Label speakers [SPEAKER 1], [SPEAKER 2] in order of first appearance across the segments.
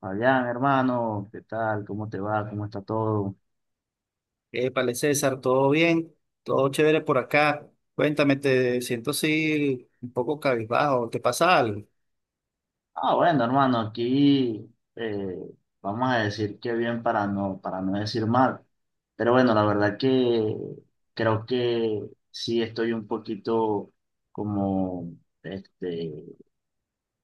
[SPEAKER 1] Fabián, hermano, ¿qué tal? ¿Cómo te va? ¿Cómo está todo?
[SPEAKER 2] Épale, César, ¿todo bien? ¿Todo chévere por acá? Cuéntame, te siento así un poco cabizbajo, ¿te pasa algo?
[SPEAKER 1] Ah, bueno, hermano, aquí eh, vamos a decir que bien para no decir mal. Pero bueno, la verdad que creo que sí estoy un poquito como este,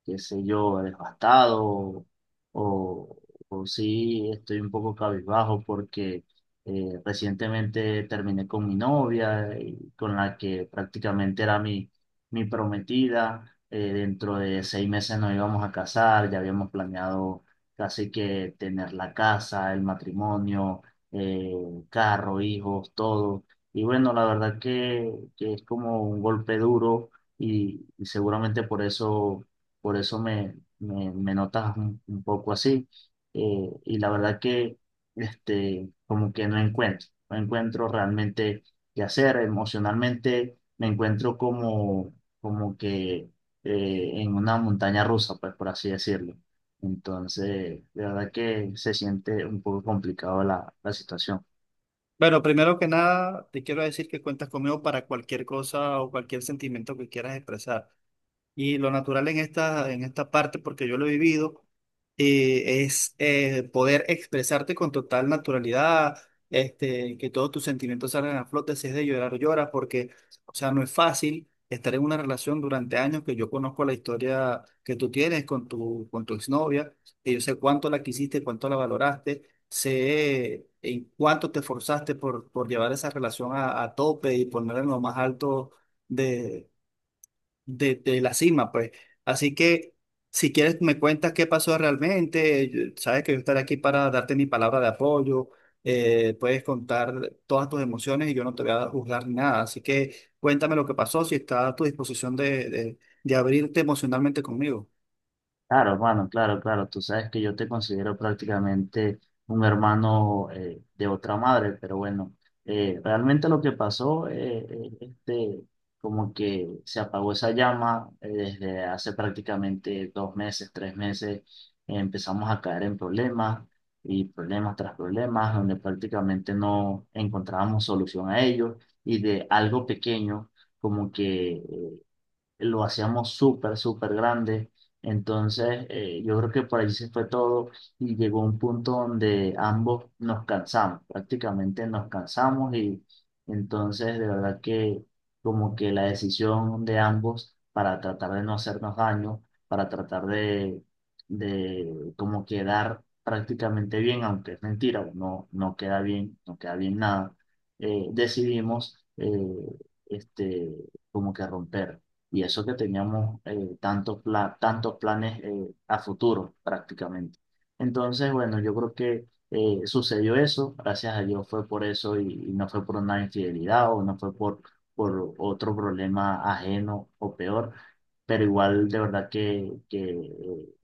[SPEAKER 1] qué sé yo, devastado o, o sí estoy un poco cabizbajo porque recientemente terminé con mi novia, y con la que prácticamente era mi prometida. Dentro de 6 meses nos íbamos a casar, ya habíamos planeado casi que tener la casa, el matrimonio, eh, carro, hijos, todo. Y bueno, la verdad que es como un golpe duro y seguramente por eso me notas un poco así. Y la verdad que como que no encuentro realmente qué hacer. Emocionalmente me encuentro como que en una montaña rusa, pues por así decirlo. Entonces, de verdad que se siente un poco complicado la situación.
[SPEAKER 2] Bueno, primero que nada, te quiero decir que cuentas conmigo para cualquier cosa o cualquier sentimiento que quieras expresar. Y lo natural en en esta parte, porque yo lo he vivido, es poder expresarte con total naturalidad, este, que todos tus sentimientos salgan a flote, si es de llorar, lloras, porque, o sea, no es fácil estar en una relación durante años que yo conozco la historia que tú tienes con con tu exnovia, que yo sé cuánto la quisiste, cuánto la valoraste, sé en cuánto te esforzaste por llevar esa relación a tope y ponerla en lo más alto de de la cima, pues. Así que si quieres me cuentas qué pasó realmente, sabes que yo estaré aquí para darte mi palabra de apoyo, puedes contar todas tus emociones y yo no te voy a juzgar ni nada, así que cuéntame lo que pasó, si está a tu disposición de abrirte emocionalmente conmigo.
[SPEAKER 1] Claro, hermano, claro, claro. Tú sabes que yo te considero prácticamente un hermano de otra madre, pero bueno, realmente lo que pasó, como que se apagó esa llama desde hace prácticamente 2 meses, 3 meses, empezamos a caer en problemas y problemas tras problemas, donde prácticamente no encontrábamos solución a ellos y de algo pequeño, como que lo hacíamos súper, súper grande. Entonces, yo creo que por ahí se fue todo y llegó un punto donde ambos nos cansamos, prácticamente nos cansamos y entonces de verdad que como que la decisión de ambos para tratar de no hacernos daño, para tratar de como quedar prácticamente bien, aunque es mentira, no queda bien, no queda bien nada, decidimos este, como que romper. Y eso que teníamos tantos planes a futuro prácticamente. Entonces, bueno, yo creo que sucedió eso, gracias a Dios fue por eso y no fue por una infidelidad o no fue por otro problema ajeno o peor, pero igual de verdad que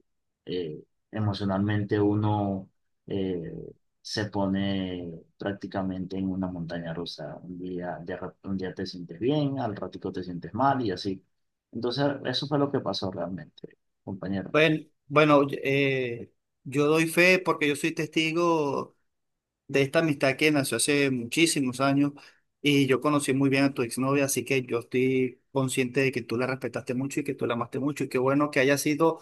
[SPEAKER 1] eh, emocionalmente uno eh, se pone prácticamente en una montaña rusa. Un día, un día te sientes bien, al ratico te sientes mal y así. Entonces, eso fue lo que pasó realmente, compañero.
[SPEAKER 2] Bueno, bueno, eh, yo doy fe porque yo soy testigo de esta amistad que nació hace muchísimos años y yo conocí muy bien a tu exnovia, así que yo estoy consciente de que tú la respetaste mucho y que tú la amaste mucho y qué bueno que haya sido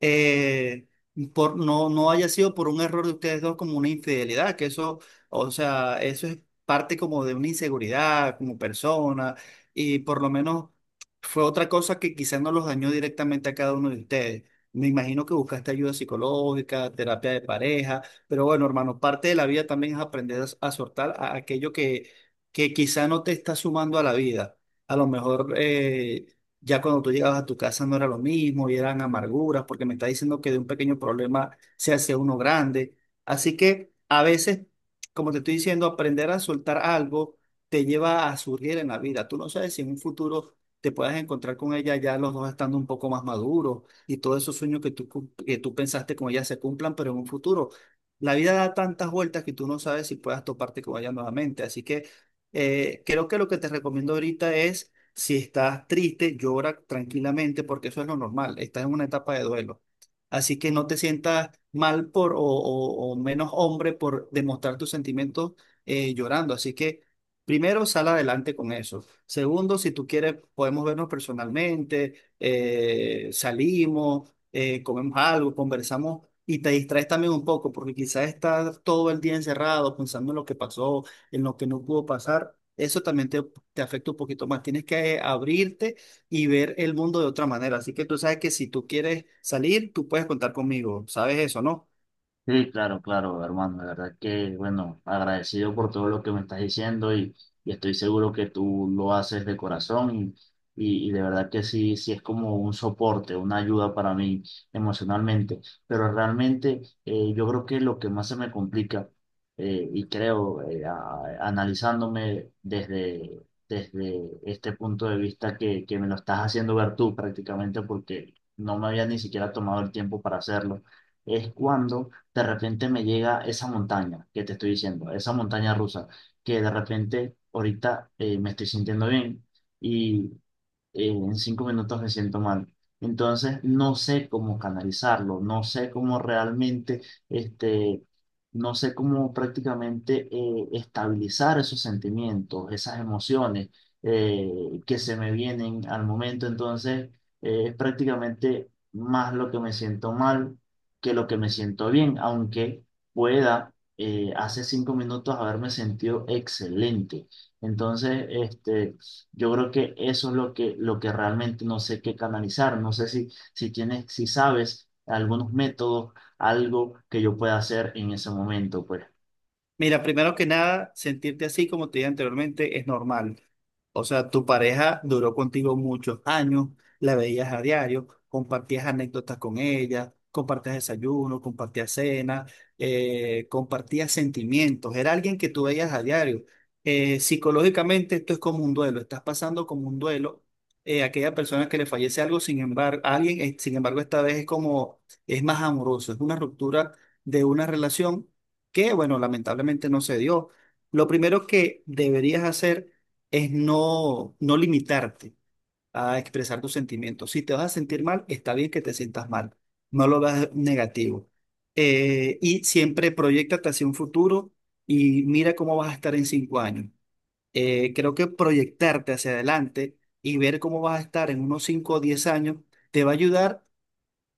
[SPEAKER 2] eh, por, no haya sido por un error de ustedes dos como una infidelidad, que eso, o sea, eso es parte como de una inseguridad como persona y por lo menos fue otra cosa que quizás no los dañó directamente a cada uno de ustedes. Me imagino que buscaste ayuda psicológica, terapia de pareja, pero bueno, hermano, parte de la vida también es aprender a soltar a aquello que quizá no te está sumando a la vida. A lo mejor ya cuando tú llegabas a tu casa no era lo mismo y eran amarguras, porque me está diciendo que de un pequeño problema se hace uno grande. Así que a veces, como te estoy diciendo, aprender a soltar algo te lleva a surgir en la vida. Tú no sabes si en un futuro te puedas encontrar con ella ya los dos estando un poco más maduros y todos esos sueños que tú, que tú pensaste con ella se cumplan, pero en un futuro. La vida da tantas vueltas que tú no sabes si puedas toparte con ella nuevamente. Así que creo que lo que te recomiendo ahorita es si estás triste, llora tranquilamente porque eso es lo normal. Estás en una etapa de duelo. Así que no te sientas mal por o menos hombre por demostrar tus sentimientos llorando. Así que primero sal adelante con eso. Segundo, si tú quieres, podemos vernos personalmente, salimos, comemos algo, conversamos y te distraes también un poco porque quizás estás todo el día encerrado pensando en lo que pasó, en lo que no pudo pasar. Eso también te afecta un poquito más. Tienes que abrirte y ver el mundo de otra manera. Así que tú sabes que si tú quieres salir, tú puedes contar conmigo. ¿Sabes eso, no?
[SPEAKER 1] Sí, claro, claro, hermano, la verdad que, bueno, agradecido por todo lo que me estás diciendo y estoy seguro que tú lo haces de corazón y de verdad que sí, sí es como un soporte, una ayuda para mí emocionalmente, pero realmente yo creo que lo que más se me complica y creo analizándome desde este punto de vista que me lo estás haciendo ver tú prácticamente porque no me había ni siquiera tomado el tiempo para hacerlo, es cuando de repente me llega esa montaña que te estoy diciendo, esa montaña rusa, que de repente ahorita me estoy sintiendo bien y en 5 minutos me siento mal. Entonces, no sé cómo canalizarlo, no sé cómo realmente, este, no sé cómo prácticamente estabilizar esos sentimientos, esas emociones que se me vienen al momento. Entonces, es prácticamente más lo que me siento mal que lo que me siento bien, aunque pueda. Hace 5 minutos haberme sentido excelente. Entonces, yo creo que eso es lo que, realmente no sé qué canalizar. No sé si tienes, si sabes algunos métodos, algo que yo pueda hacer en ese momento, pues.
[SPEAKER 2] Mira, primero que nada, sentirte así, como te dije anteriormente, es normal. O sea, tu pareja duró contigo muchos años, la veías a diario, compartías anécdotas con ella, compartías desayuno, compartías cena, compartías sentimientos. Era alguien que tú veías a diario. Psicológicamente esto es como un duelo, estás pasando como un duelo. Eh, aquella persona que le fallece algo, sin embargo, alguien, sin embargo, esta vez es como, es más amoroso, es una ruptura de una relación que, bueno, lamentablemente no se dio. Lo primero que deberías hacer es no limitarte a expresar tus sentimientos. Si te vas a sentir mal, está bien que te sientas mal, no lo veas negativo. Y siempre proyéctate hacia un futuro y mira cómo vas a estar en 5 años. Creo que proyectarte hacia adelante y ver cómo vas a estar en unos 5 o 10 años te va a ayudar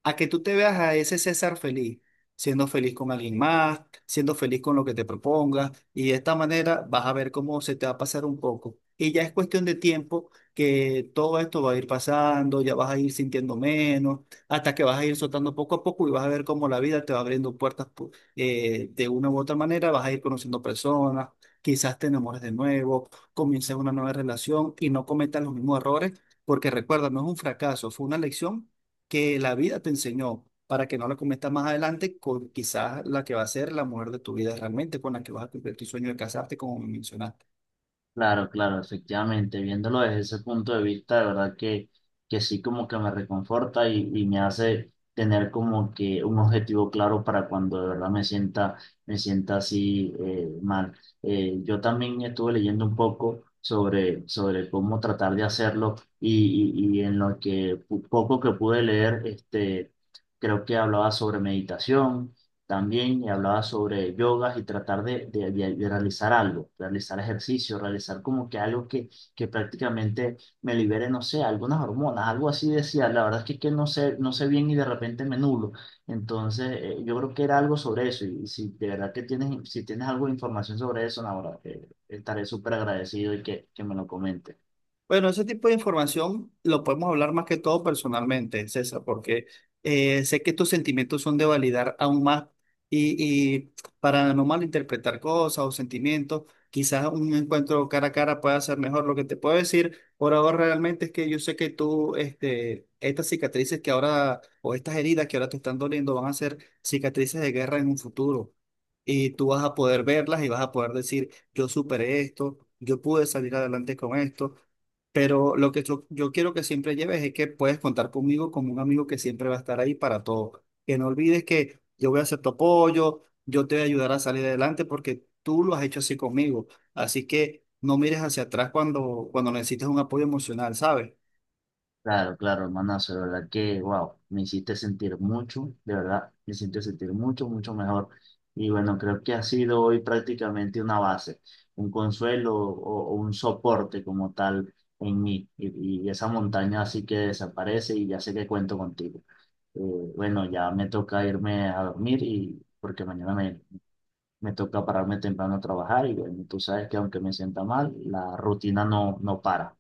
[SPEAKER 2] a que tú te veas a ese César feliz, siendo feliz con alguien más, siendo feliz con lo que te propongas, y de esta manera vas a ver cómo se te va a pasar un poco. Y ya es cuestión de tiempo que todo esto va a ir pasando, ya vas a ir sintiendo menos, hasta que vas a ir soltando poco a poco y vas a ver cómo la vida te va abriendo puertas de una u otra manera, vas a ir conociendo personas, quizás te enamores de nuevo, comiences una nueva relación y no cometas los mismos errores, porque recuerda, no es un fracaso, fue una lección que la vida te enseñó para que no la cometas más adelante con quizás la que va a ser la mujer de tu vida realmente, con la que vas a cumplir tu sueño de casarte, como mencionaste.
[SPEAKER 1] Claro, claro, efectivamente, viéndolo desde ese punto de vista, de verdad que sí como que me reconforta y me hace tener como que un objetivo claro para cuando de verdad me sienta así mal. Yo también estuve leyendo un poco sobre cómo tratar de hacerlo y en lo que poco que pude leer, creo que hablaba sobre meditación también y hablaba sobre yogas y tratar de realizar algo, realizar ejercicio, realizar como que algo que prácticamente me libere, no sé, algunas hormonas, algo así decía. La verdad es que no sé bien y de repente me nulo. Entonces, yo creo que era algo sobre eso. Y si de verdad que tienes, si tienes algo de información sobre eso, ahora estaré súper agradecido y que me lo comentes.
[SPEAKER 2] Bueno, ese tipo de información lo podemos hablar más que todo personalmente, César, porque sé que tus sentimientos son de validar aún más y, y para no malinterpretar cosas o sentimientos, quizás un encuentro cara a cara pueda ser mejor. Lo que te puedo decir por ahora realmente es que yo sé que tú, este, estas cicatrices que ahora, o estas heridas que ahora te están doliendo van a ser cicatrices de guerra en un futuro. Y tú vas a poder verlas y vas a poder decir, yo superé esto, yo pude salir adelante con esto. Pero lo que yo quiero que siempre lleves es que puedes contar conmigo como un amigo que siempre va a estar ahí para todo. Que no olvides que yo voy a ser tu apoyo, yo te voy a ayudar a salir adelante porque tú lo has hecho así conmigo. Así que no mires hacia atrás cuando necesites un apoyo emocional, ¿sabes?
[SPEAKER 1] Claro, claro, hermanazo, de verdad que, wow, me hiciste sentir mucho, de verdad, me hiciste sentir mucho, mucho mejor. Y bueno, creo que ha sido hoy prácticamente una base, un consuelo o un soporte como tal en mí. Y esa montaña así que desaparece y ya sé que cuento contigo. Eh, bueno, ya me toca irme a dormir y porque mañana me toca pararme temprano a trabajar y bueno, tú sabes que aunque me sienta mal, la rutina no para.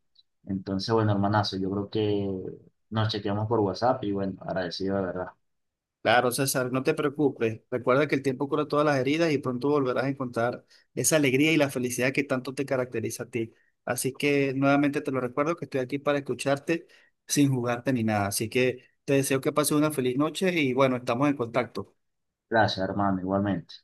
[SPEAKER 1] Entonces, bueno, hermanazo, yo creo que nos chequeamos por WhatsApp y bueno, agradecido de verdad.
[SPEAKER 2] Claro, César, no te preocupes. Recuerda que el tiempo cura todas las heridas y pronto volverás a encontrar esa alegría y la felicidad que tanto te caracteriza a ti. Así que nuevamente te lo recuerdo que estoy aquí para escucharte sin jugarte ni nada. Así que te deseo que pases una feliz noche y bueno, estamos en contacto.
[SPEAKER 1] Gracias, hermano, igualmente.